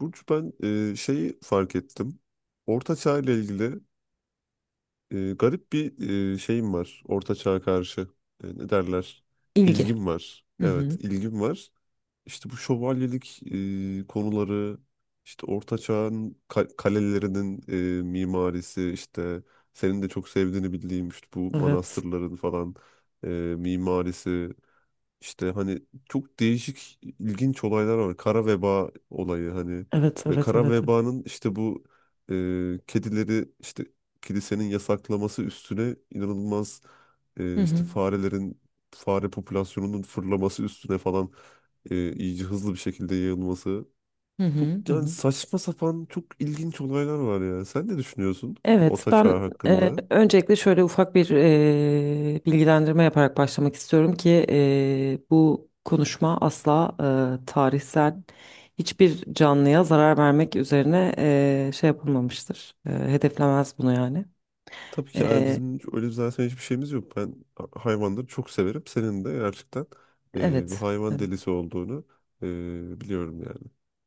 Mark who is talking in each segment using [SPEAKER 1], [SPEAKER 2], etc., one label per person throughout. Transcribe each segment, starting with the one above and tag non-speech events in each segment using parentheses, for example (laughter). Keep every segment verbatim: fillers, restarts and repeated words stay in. [SPEAKER 1] Burcu, ben e, şeyi fark ettim. Orta Çağ ile ilgili e, garip bir e, şeyim var. Orta Çağ'a karşı e, ne derler?
[SPEAKER 2] İlgi.
[SPEAKER 1] İlgim var.
[SPEAKER 2] Hı
[SPEAKER 1] Evet,
[SPEAKER 2] hı.
[SPEAKER 1] ilgim var. İşte bu şövalyelik e, konuları, işte Orta Çağ'ın ka- kalelerinin e, mimarisi, işte senin de çok sevdiğini bildiğim işte bu
[SPEAKER 2] Evet.
[SPEAKER 1] manastırların falan e, mimarisi. İşte hani çok değişik ilginç olaylar var. Kara veba olayı hani
[SPEAKER 2] Evet,
[SPEAKER 1] ve
[SPEAKER 2] evet,
[SPEAKER 1] kara
[SPEAKER 2] evet.
[SPEAKER 1] vebanın işte bu e, kedileri işte kilisenin yasaklaması üstüne inanılmaz
[SPEAKER 2] Hı
[SPEAKER 1] e, işte
[SPEAKER 2] hı.
[SPEAKER 1] farelerin fare popülasyonunun fırlaması üstüne falan e, iyice hızlı bir şekilde yayılması.
[SPEAKER 2] Hı
[SPEAKER 1] Çok
[SPEAKER 2] hı. Hı
[SPEAKER 1] yani
[SPEAKER 2] hı.
[SPEAKER 1] saçma sapan çok ilginç olaylar var ya. Sen ne düşünüyorsun
[SPEAKER 2] Evet,
[SPEAKER 1] Orta
[SPEAKER 2] ben
[SPEAKER 1] Çağ
[SPEAKER 2] e,
[SPEAKER 1] hakkında?
[SPEAKER 2] öncelikle şöyle ufak bir e, bilgilendirme yaparak başlamak istiyorum ki e, bu konuşma asla e, tarihsel hiçbir canlıya zarar vermek üzerine e, şey yapılmamıştır. E, hedeflemez bunu yani.
[SPEAKER 1] Tabii ki yani
[SPEAKER 2] E,
[SPEAKER 1] bizim hiç- öyle zaten hiçbir şeyimiz yok. Ben ha- hayvanları çok severim. Senin de gerçekten e, bir
[SPEAKER 2] evet.
[SPEAKER 1] hayvan
[SPEAKER 2] Evet.
[SPEAKER 1] delisi olduğunu e, biliyorum yani.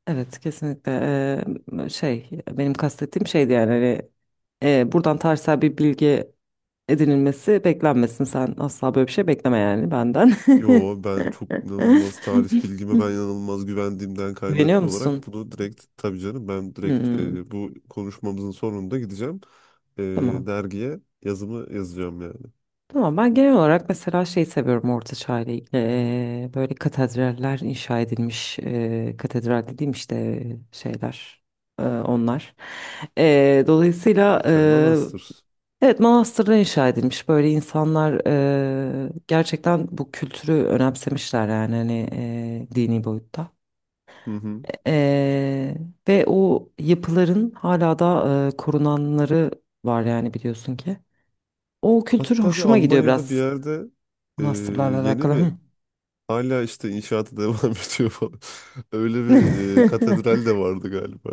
[SPEAKER 2] Evet kesinlikle. Eee, şey benim kastettiğim şeydi yani hani, eee, buradan tarihsel bir bilgi edinilmesi beklenmesin, sen asla böyle bir şey bekleme yani benden.
[SPEAKER 1] Yo,
[SPEAKER 2] (laughs)
[SPEAKER 1] ben çok inanılmaz tarih bilgime ben inanılmaz güvendiğimden
[SPEAKER 2] Güveniyor
[SPEAKER 1] kaynaklı olarak
[SPEAKER 2] musun?
[SPEAKER 1] bunu direkt tabii canım ben direkt
[SPEAKER 2] Hmm,
[SPEAKER 1] e, bu konuşmamızın sonunda gideceğim. E,
[SPEAKER 2] tamam.
[SPEAKER 1] dergiye yazımı yazacağım yani.
[SPEAKER 2] Tamam, ben genel olarak mesela şey seviyorum Orta Çağ ile ilgili. Eee, böyle katedraller inşa edilmiş, eee, katedral dediğim işte şeyler, eee, onlar. Eee, dolayısıyla.
[SPEAKER 1] Lütfen manastır.
[SPEAKER 2] Evet, manastırda inşa edilmiş. Böyle insanlar eee, gerçekten bu kültürü önemsemişler yani hani eee, dini boyutta.
[SPEAKER 1] Hı hı.
[SPEAKER 2] Eee, ve o yapıların hala da eee, korunanları var yani biliyorsun ki. O kültür
[SPEAKER 1] Hatta bir
[SPEAKER 2] hoşuma gidiyor
[SPEAKER 1] Almanya'da bir
[SPEAKER 2] biraz
[SPEAKER 1] yerde e,
[SPEAKER 2] manastırlarla
[SPEAKER 1] yeni
[SPEAKER 2] alakalı.
[SPEAKER 1] mi
[SPEAKER 2] Hı.
[SPEAKER 1] hala işte inşaatı (laughs) devam ediyor falan. Öyle bir e,
[SPEAKER 2] (laughs)
[SPEAKER 1] katedral de vardı galiba.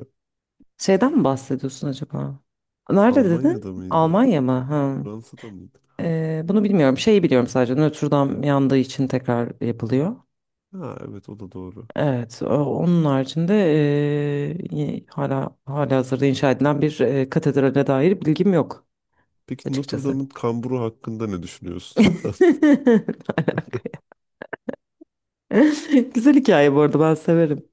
[SPEAKER 2] Şeyden mi bahsediyorsun acaba? Nerede
[SPEAKER 1] Almanya'da
[SPEAKER 2] dedin?
[SPEAKER 1] mıydı?
[SPEAKER 2] Almanya mı? Ha.
[SPEAKER 1] Fransa'da mıydı?
[SPEAKER 2] Eee, bunu bilmiyorum. Şeyi biliyorum sadece, Notre Dame yandığı için tekrar yapılıyor.
[SPEAKER 1] Ha, evet, o da doğru.
[SPEAKER 2] Evet, o- onun haricinde e, y- hala hala hazırda inşa edilen bir e, katedrale dair bilgim yok
[SPEAKER 1] Peki Notre
[SPEAKER 2] açıkçası.
[SPEAKER 1] Dame'ın kamburu hakkında ne
[SPEAKER 2] (laughs)
[SPEAKER 1] düşünüyorsun? (laughs)
[SPEAKER 2] Ne alaka ya? (laughs) Güzel hikaye bu arada, ben severim.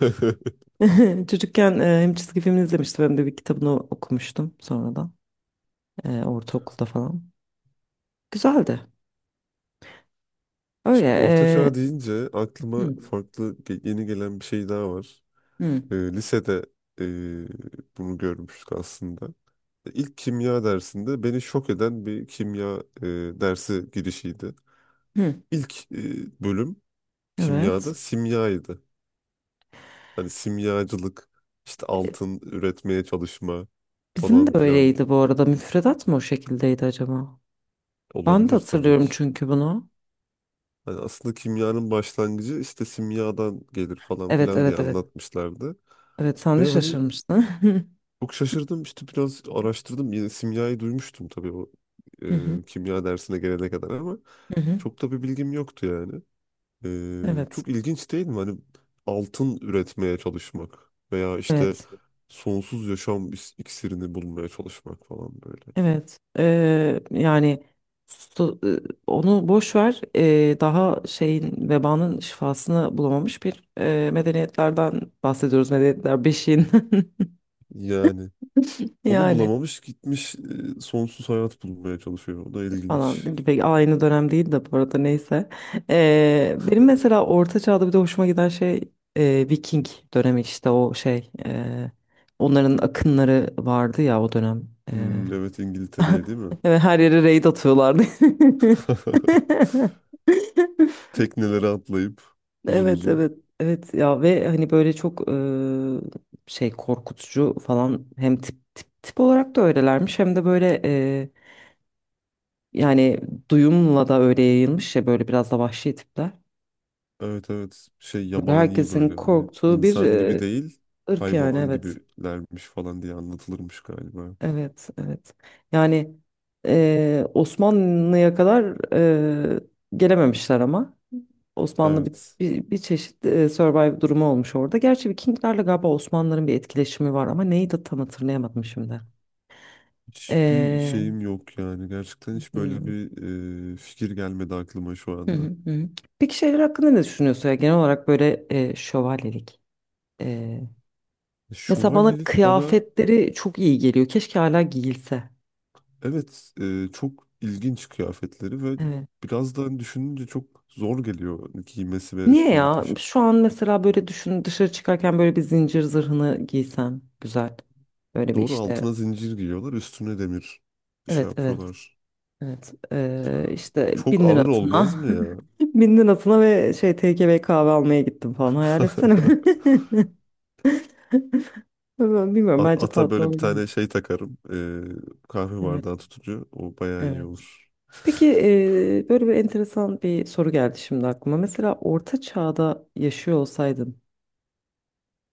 [SPEAKER 2] (laughs) Çocukken e, hem çizgi film izlemiştim hem de bir kitabını okumuştum sonradan, e, ortaokulda falan. Güzeldi. Öyle.
[SPEAKER 1] Şimdi Orta Çağ
[SPEAKER 2] e,
[SPEAKER 1] deyince aklıma
[SPEAKER 2] hı,
[SPEAKER 1] farklı ge- yeni gelen bir şey daha var.
[SPEAKER 2] hı,
[SPEAKER 1] E, lisede e, bunu görmüştük aslında. İlk kimya dersinde beni şok eden bir kimya e, dersi girişiydi.
[SPEAKER 2] hı.
[SPEAKER 1] İlk e, bölüm
[SPEAKER 2] Evet.
[SPEAKER 1] kimyada simyaydı. Hani simyacılık, işte altın üretmeye çalışma
[SPEAKER 2] Bizim
[SPEAKER 1] falan
[SPEAKER 2] de
[SPEAKER 1] filan
[SPEAKER 2] öyleydi bu arada. Müfredat mı o şekildeydi acaba? Ben de
[SPEAKER 1] olabilir tabii
[SPEAKER 2] hatırlıyorum
[SPEAKER 1] ki.
[SPEAKER 2] çünkü bunu.
[SPEAKER 1] Hani aslında kimyanın başlangıcı işte simyadan gelir falan
[SPEAKER 2] Evet
[SPEAKER 1] filan diye
[SPEAKER 2] evet evet.
[SPEAKER 1] anlatmışlardı.
[SPEAKER 2] Evet, sen de
[SPEAKER 1] Ve hani
[SPEAKER 2] şaşırmıştın. (laughs)
[SPEAKER 1] çok şaşırdım, işte biraz araştırdım. Yine simyayı duymuştum tabii o
[SPEAKER 2] Hı hı,
[SPEAKER 1] e, kimya dersine gelene kadar ama
[SPEAKER 2] hı hı.
[SPEAKER 1] çok da bir bilgim yoktu yani. E,
[SPEAKER 2] Evet,
[SPEAKER 1] çok ilginç değil mi? Hani altın üretmeye çalışmak veya işte
[SPEAKER 2] evet,
[SPEAKER 1] sonsuz yaşam is- iksirini bulmaya çalışmak falan böyle.
[SPEAKER 2] evet. Ee, yani su- e, onu boş ver. Ee, daha şeyin vebanın şifasını bulamamış bir e, medeniyetlerden bahsediyoruz. Medeniyetler beşiğin
[SPEAKER 1] Yani
[SPEAKER 2] (laughs)
[SPEAKER 1] onu
[SPEAKER 2] yani
[SPEAKER 1] bulamamış gitmiş e, sonsuz hayat bulmaya çalışıyor. O da
[SPEAKER 2] falan
[SPEAKER 1] ilginç.
[SPEAKER 2] gibi, aynı dönem değil de bu arada, neyse. Ee, benim mesela Orta Çağ'da bir de hoşuma giden şey e, Viking dönemi, işte o şey. e, onların akınları vardı ya o dönem.
[SPEAKER 1] Hmm, evet,
[SPEAKER 2] (laughs)
[SPEAKER 1] İngiltere'ye değil mi?
[SPEAKER 2] Evet, her yere raid atıyorlardı. (laughs)
[SPEAKER 1] (laughs) Teknelere atlayıp uzun
[SPEAKER 2] Evet
[SPEAKER 1] uzun.
[SPEAKER 2] evet evet ya, ve hani böyle çok eee, şey korkutucu falan, hem tip tip tip olarak da öylelermiş hem de böyle eee, yani duyumla da öyle yayılmış ya, böyle biraz da vahşi tipler.
[SPEAKER 1] Evet, evet, şey
[SPEAKER 2] Böyle
[SPEAKER 1] yabani
[SPEAKER 2] herkesin
[SPEAKER 1] böyle hani
[SPEAKER 2] korktuğu bir
[SPEAKER 1] insan gibi
[SPEAKER 2] eee,
[SPEAKER 1] değil
[SPEAKER 2] ırk yani,
[SPEAKER 1] hayvan
[SPEAKER 2] evet.
[SPEAKER 1] gibilermiş falan diye anlatılırmış galiba.
[SPEAKER 2] Evet, evet. Yani eee, Osmanlı'ya kadar eee, gelememişler ama Osmanlı bir,
[SPEAKER 1] Evet.
[SPEAKER 2] bir, bir çeşit eee, survive durumu olmuş orada. Gerçi Vikinglerle galiba Osmanlıların bir etkileşimi var ama neyi de tam hatırlayamadım şimdi.
[SPEAKER 1] Hiçbir
[SPEAKER 2] Eee,
[SPEAKER 1] şeyim yok yani. Gerçekten hiç böyle
[SPEAKER 2] hmm,
[SPEAKER 1] bir e, fikir gelmedi aklıma şu
[SPEAKER 2] hı
[SPEAKER 1] anda.
[SPEAKER 2] hı, hı. Peki şeyler hakkında ne düşünüyorsun ya, genel olarak böyle eee, şövalyelik? Eee, mesela bana
[SPEAKER 1] Şövalyelik bana.
[SPEAKER 2] kıyafetleri çok iyi geliyor. Keşke hala giyilse.
[SPEAKER 1] Evet, e, çok ilginç kıyafetleri ve
[SPEAKER 2] Evet.
[SPEAKER 1] biraz da hani düşününce çok zor geliyor giymesi ve
[SPEAKER 2] Niye
[SPEAKER 1] üstünde
[SPEAKER 2] ya?
[SPEAKER 1] taşı.
[SPEAKER 2] Şu an mesela böyle düşün, dışarı çıkarken böyle bir zincir zırhını giysem güzel. Böyle bir
[SPEAKER 1] Doğru,
[SPEAKER 2] işte,
[SPEAKER 1] altına zincir giyiyorlar, üstüne demir şey
[SPEAKER 2] evet evet
[SPEAKER 1] yapıyorlar.
[SPEAKER 2] evet, ee, işte
[SPEAKER 1] Çok
[SPEAKER 2] bin
[SPEAKER 1] ağır olmaz
[SPEAKER 2] atına
[SPEAKER 1] mı ya?
[SPEAKER 2] (laughs) bin atına ve şey T K V kahve almaya gittim falan, hayal etsene.
[SPEAKER 1] (laughs)
[SPEAKER 2] (laughs) Ben bilmiyorum,
[SPEAKER 1] A-
[SPEAKER 2] bence
[SPEAKER 1] Ata
[SPEAKER 2] tatlı
[SPEAKER 1] böyle bir tane
[SPEAKER 2] olabilir.
[SPEAKER 1] şey takarım. e, kahve
[SPEAKER 2] Evet
[SPEAKER 1] bardağı tutucu. O bayağı iyi
[SPEAKER 2] evet.
[SPEAKER 1] olur.
[SPEAKER 2] Peki
[SPEAKER 1] (laughs)
[SPEAKER 2] ee, böyle bir enteresan bir soru geldi şimdi aklıma. Mesela orta çağda yaşıyor olsaydın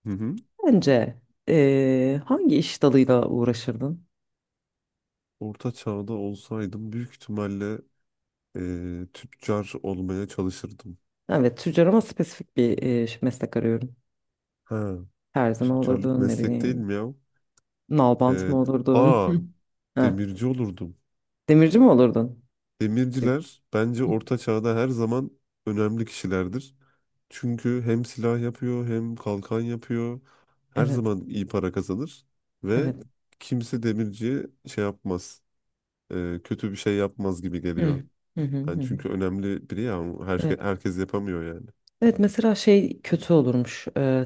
[SPEAKER 1] Hı hı.
[SPEAKER 2] bence ee, hangi iş dalıyla uğraşırdın?
[SPEAKER 1] Orta çağda olsaydım büyük ihtimalle e, tüccar olmaya çalışırdım.
[SPEAKER 2] Evet, tüccar ama spesifik bir e, ş- meslek arıyorum.
[SPEAKER 1] Ha,
[SPEAKER 2] Terzi mi
[SPEAKER 1] tüccarlık
[SPEAKER 2] olurdun, ne
[SPEAKER 1] meslek değil
[SPEAKER 2] bileyim,
[SPEAKER 1] mi ya?
[SPEAKER 2] nalbant
[SPEAKER 1] E,
[SPEAKER 2] mı olurdun?
[SPEAKER 1] aa
[SPEAKER 2] (laughs) Ha,
[SPEAKER 1] Demirci olurdum.
[SPEAKER 2] demirci mi olurdun?
[SPEAKER 1] Demirciler bence Orta Çağ'da her zaman önemli kişilerdir. Çünkü hem silah yapıyor hem kalkan yapıyor. Her
[SPEAKER 2] Evet,
[SPEAKER 1] zaman iyi para kazanır ve
[SPEAKER 2] evet.
[SPEAKER 1] kimse demirciye şey yapmaz. e, kötü bir şey yapmaz gibi
[SPEAKER 2] Hı.
[SPEAKER 1] geliyor.
[SPEAKER 2] Hı hı hı.
[SPEAKER 1] Yani
[SPEAKER 2] Hı.
[SPEAKER 1] çünkü önemli biri ya, her şey,
[SPEAKER 2] Evet.
[SPEAKER 1] herkes yapamıyor yani.
[SPEAKER 2] Evet, mesela şey kötü olurmuş. E,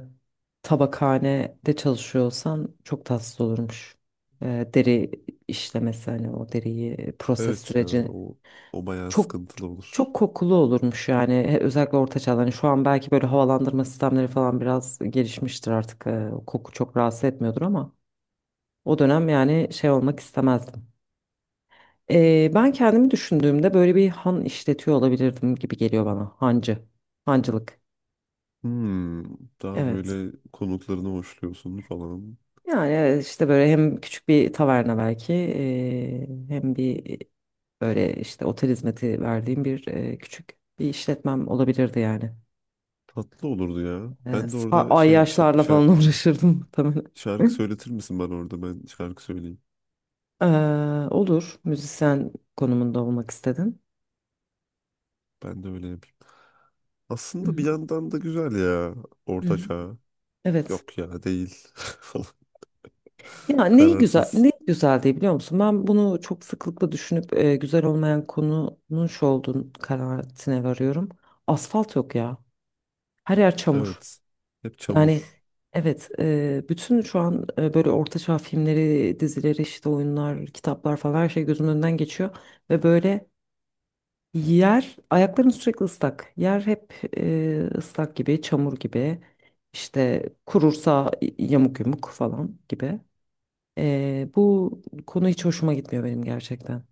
[SPEAKER 2] tabakhanede çalışıyorsan çok tatsız olurmuş. E, deri işlemesi, hani o deriyi proses
[SPEAKER 1] Evet ya,
[SPEAKER 2] süreci.
[SPEAKER 1] o o bayağı
[SPEAKER 2] Çok
[SPEAKER 1] sıkıntılı olur.
[SPEAKER 2] çok kokulu olurmuş yani, He- özellikle orta çağda. Hani şu an belki böyle havalandırma sistemleri falan biraz gelişmiştir artık. Ee, koku çok rahatsız etmiyordur ama o dönem yani şey olmak istemezdim. Ee, ben kendimi düşündüğümde böyle bir han işletiyor olabilirdim gibi geliyor bana. Hancı. Hancılık.
[SPEAKER 1] Hmm, daha
[SPEAKER 2] Evet.
[SPEAKER 1] böyle konuklarını hoşluyorsun falan.
[SPEAKER 2] Yani evet, işte böyle hem küçük bir taverna belki ee, hem bir e, böyle işte otel hizmeti verdiğim bir ee, küçük bir işletmem olabilirdi yani.
[SPEAKER 1] Tatlı olurdu ya.
[SPEAKER 2] Ee,
[SPEAKER 1] Ben de
[SPEAKER 2] sa-
[SPEAKER 1] orada şey şa-
[SPEAKER 2] ayyaşlarla
[SPEAKER 1] şar-
[SPEAKER 2] falan (laughs) uğraşırdım muhtemelen.
[SPEAKER 1] Şarkı söyletir misin bana orada? Ben şarkı söyleyeyim.
[SPEAKER 2] Ee, olur. Müzisyen konumunda olmak istedin.
[SPEAKER 1] Ben de öyle yapayım.
[SPEAKER 2] Hı
[SPEAKER 1] Aslında
[SPEAKER 2] hı.
[SPEAKER 1] bir yandan da güzel ya. Orta
[SPEAKER 2] Hı.
[SPEAKER 1] çağ.
[SPEAKER 2] Evet.
[SPEAKER 1] Yok ya, değil. (laughs) Falan.
[SPEAKER 2] Ya neyi güzel,
[SPEAKER 1] Kararsız.
[SPEAKER 2] ne güzel diye biliyor musun? Ben bunu çok sıklıkla düşünüp e, güzel olmayan konunun şu olduğunu kanaatine varıyorum. Asfalt yok ya. Her yer çamur.
[SPEAKER 1] Evet. Hep
[SPEAKER 2] Yani
[SPEAKER 1] çamur.
[SPEAKER 2] evet, e, bütün şu an e, böyle orta çağ filmleri, dizileri, işte oyunlar, kitaplar falan, her şey gözümün önünden geçiyor. Ve böyle, yer, ayakların sürekli ıslak. Yer hep e, ıslak gibi, çamur gibi. İşte kurursa y- yamuk yumuk falan gibi. E, bu konu hiç hoşuma gitmiyor benim, gerçekten.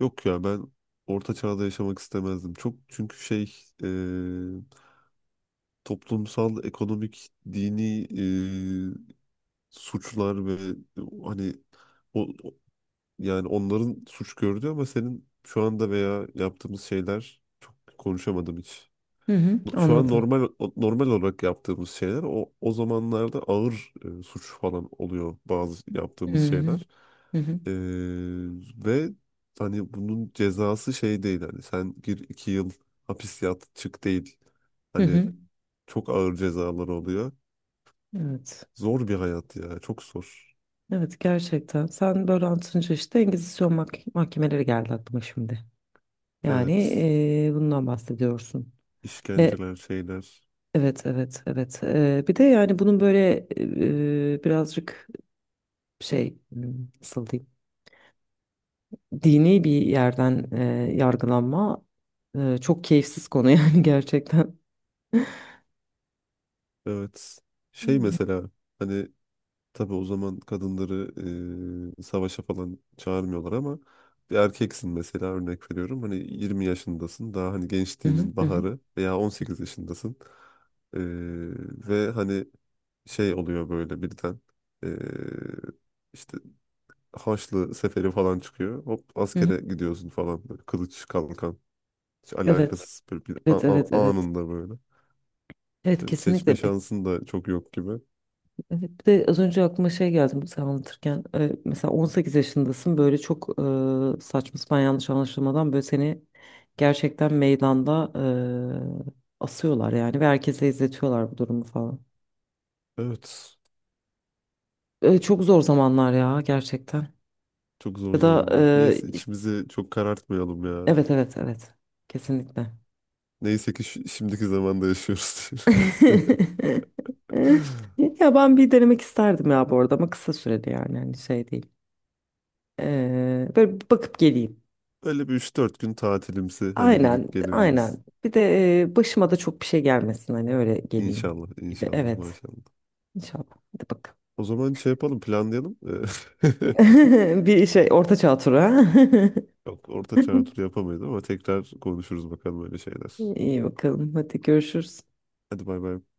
[SPEAKER 1] Yok ya, ben orta çağda yaşamak istemezdim. Çok çünkü şey e, toplumsal, ekonomik, dini e, suçlar ve hani o, o- yani onların suç gördüğü ama senin şu anda veya yaptığımız şeyler çok konuşamadım hiç.
[SPEAKER 2] Hı hı,
[SPEAKER 1] No, şu an
[SPEAKER 2] anladım.
[SPEAKER 1] normal normal olarak yaptığımız şeyler o o zamanlarda ağır e, suç falan oluyor bazı
[SPEAKER 2] Hı
[SPEAKER 1] yaptığımız
[SPEAKER 2] hı,
[SPEAKER 1] şeyler.
[SPEAKER 2] hı hı,
[SPEAKER 1] E, ve hani bunun cezası şey değil, hani sen gir iki yıl hapis yat çık değil.
[SPEAKER 2] hı
[SPEAKER 1] Hani
[SPEAKER 2] hı.
[SPEAKER 1] çok ağır cezalar oluyor.
[SPEAKER 2] Evet.
[SPEAKER 1] Zor bir hayat ya, çok zor.
[SPEAKER 2] Evet, gerçekten. Sen böyle anlatınca işte Engizisyon mah- mahkemeleri geldi aklıma şimdi. Yani
[SPEAKER 1] Evet,
[SPEAKER 2] eee, bundan bahsediyorsun. E,
[SPEAKER 1] işkenceler şeyler.
[SPEAKER 2] evet evet evet. Eee, bir de yani bunun böyle eee, birazcık şey, hmm, nasıl diyeyim, dini bir yerden eee, yargılanma, eee, çok keyifsiz konu (laughs) yani gerçekten.
[SPEAKER 1] Evet, şey
[SPEAKER 2] Hı
[SPEAKER 1] mesela hani tabii o zaman kadınları e, savaşa falan çağırmıyorlar ama bir erkeksin, mesela örnek veriyorum. Hani yirmi yaşındasın daha, hani
[SPEAKER 2] hı,
[SPEAKER 1] gençliğinin
[SPEAKER 2] hı hı,
[SPEAKER 1] baharı veya on sekiz yaşındasın. E, ve hani şey oluyor böyle birden e, işte Haçlı seferi falan çıkıyor. Hop
[SPEAKER 2] hı hı.
[SPEAKER 1] askere gidiyorsun falan böyle kılıç kalkan. Hiç
[SPEAKER 2] Evet
[SPEAKER 1] alakasız bir, bir a-
[SPEAKER 2] evet evet
[SPEAKER 1] a-
[SPEAKER 2] evet.
[SPEAKER 1] anında böyle.
[SPEAKER 2] Evet
[SPEAKER 1] Yani
[SPEAKER 2] kesinlikle.
[SPEAKER 1] seçme şansın da çok yok gibi.
[SPEAKER 2] Evet, bir de az önce aklıma şey geldi sen anlatırken, e, mesela on sekiz yaşındasın böyle çok e, saçma sapan yanlış anlaşılmadan böyle seni gerçekten meydanda e, asıyorlar yani ve herkese izletiyorlar bu durumu falan.
[SPEAKER 1] Evet.
[SPEAKER 2] E, çok zor zamanlar ya, gerçekten.
[SPEAKER 1] Çok zor
[SPEAKER 2] Ya da
[SPEAKER 1] zamanlar.
[SPEAKER 2] e,
[SPEAKER 1] Neyse
[SPEAKER 2] iş-
[SPEAKER 1] içimizi çok karartmayalım ya.
[SPEAKER 2] evet evet evet, kesinlikle.
[SPEAKER 1] Neyse ki şi- şimdiki zamanda yaşıyoruz.
[SPEAKER 2] (laughs)
[SPEAKER 1] (laughs)
[SPEAKER 2] Ya ben bir denemek isterdim ya bu arada, ama kısa süreli yani, hani şey değil. E, böyle bir bakıp geleyim.
[SPEAKER 1] Böyle bir üç dört gün tatilimsi hani
[SPEAKER 2] Aynen,
[SPEAKER 1] gidip gelebiliriz.
[SPEAKER 2] aynen. Bir de e, başıma da çok bir şey gelmesin, hani öyle geleyim
[SPEAKER 1] İnşallah,
[SPEAKER 2] gibi.
[SPEAKER 1] inşallah,
[SPEAKER 2] Evet,
[SPEAKER 1] maşallah.
[SPEAKER 2] inşallah. Hadi bakalım.
[SPEAKER 1] O zaman şey yapalım, planlayalım. (laughs)
[SPEAKER 2] (laughs) Bir şey, orta çağ turu. Ha?
[SPEAKER 1] Yok, orta çağ turu yapamayız ama tekrar konuşuruz bakalım öyle şeyler.
[SPEAKER 2] (laughs) İyi bakalım. Hadi görüşürüz.
[SPEAKER 1] Hadi bay bay.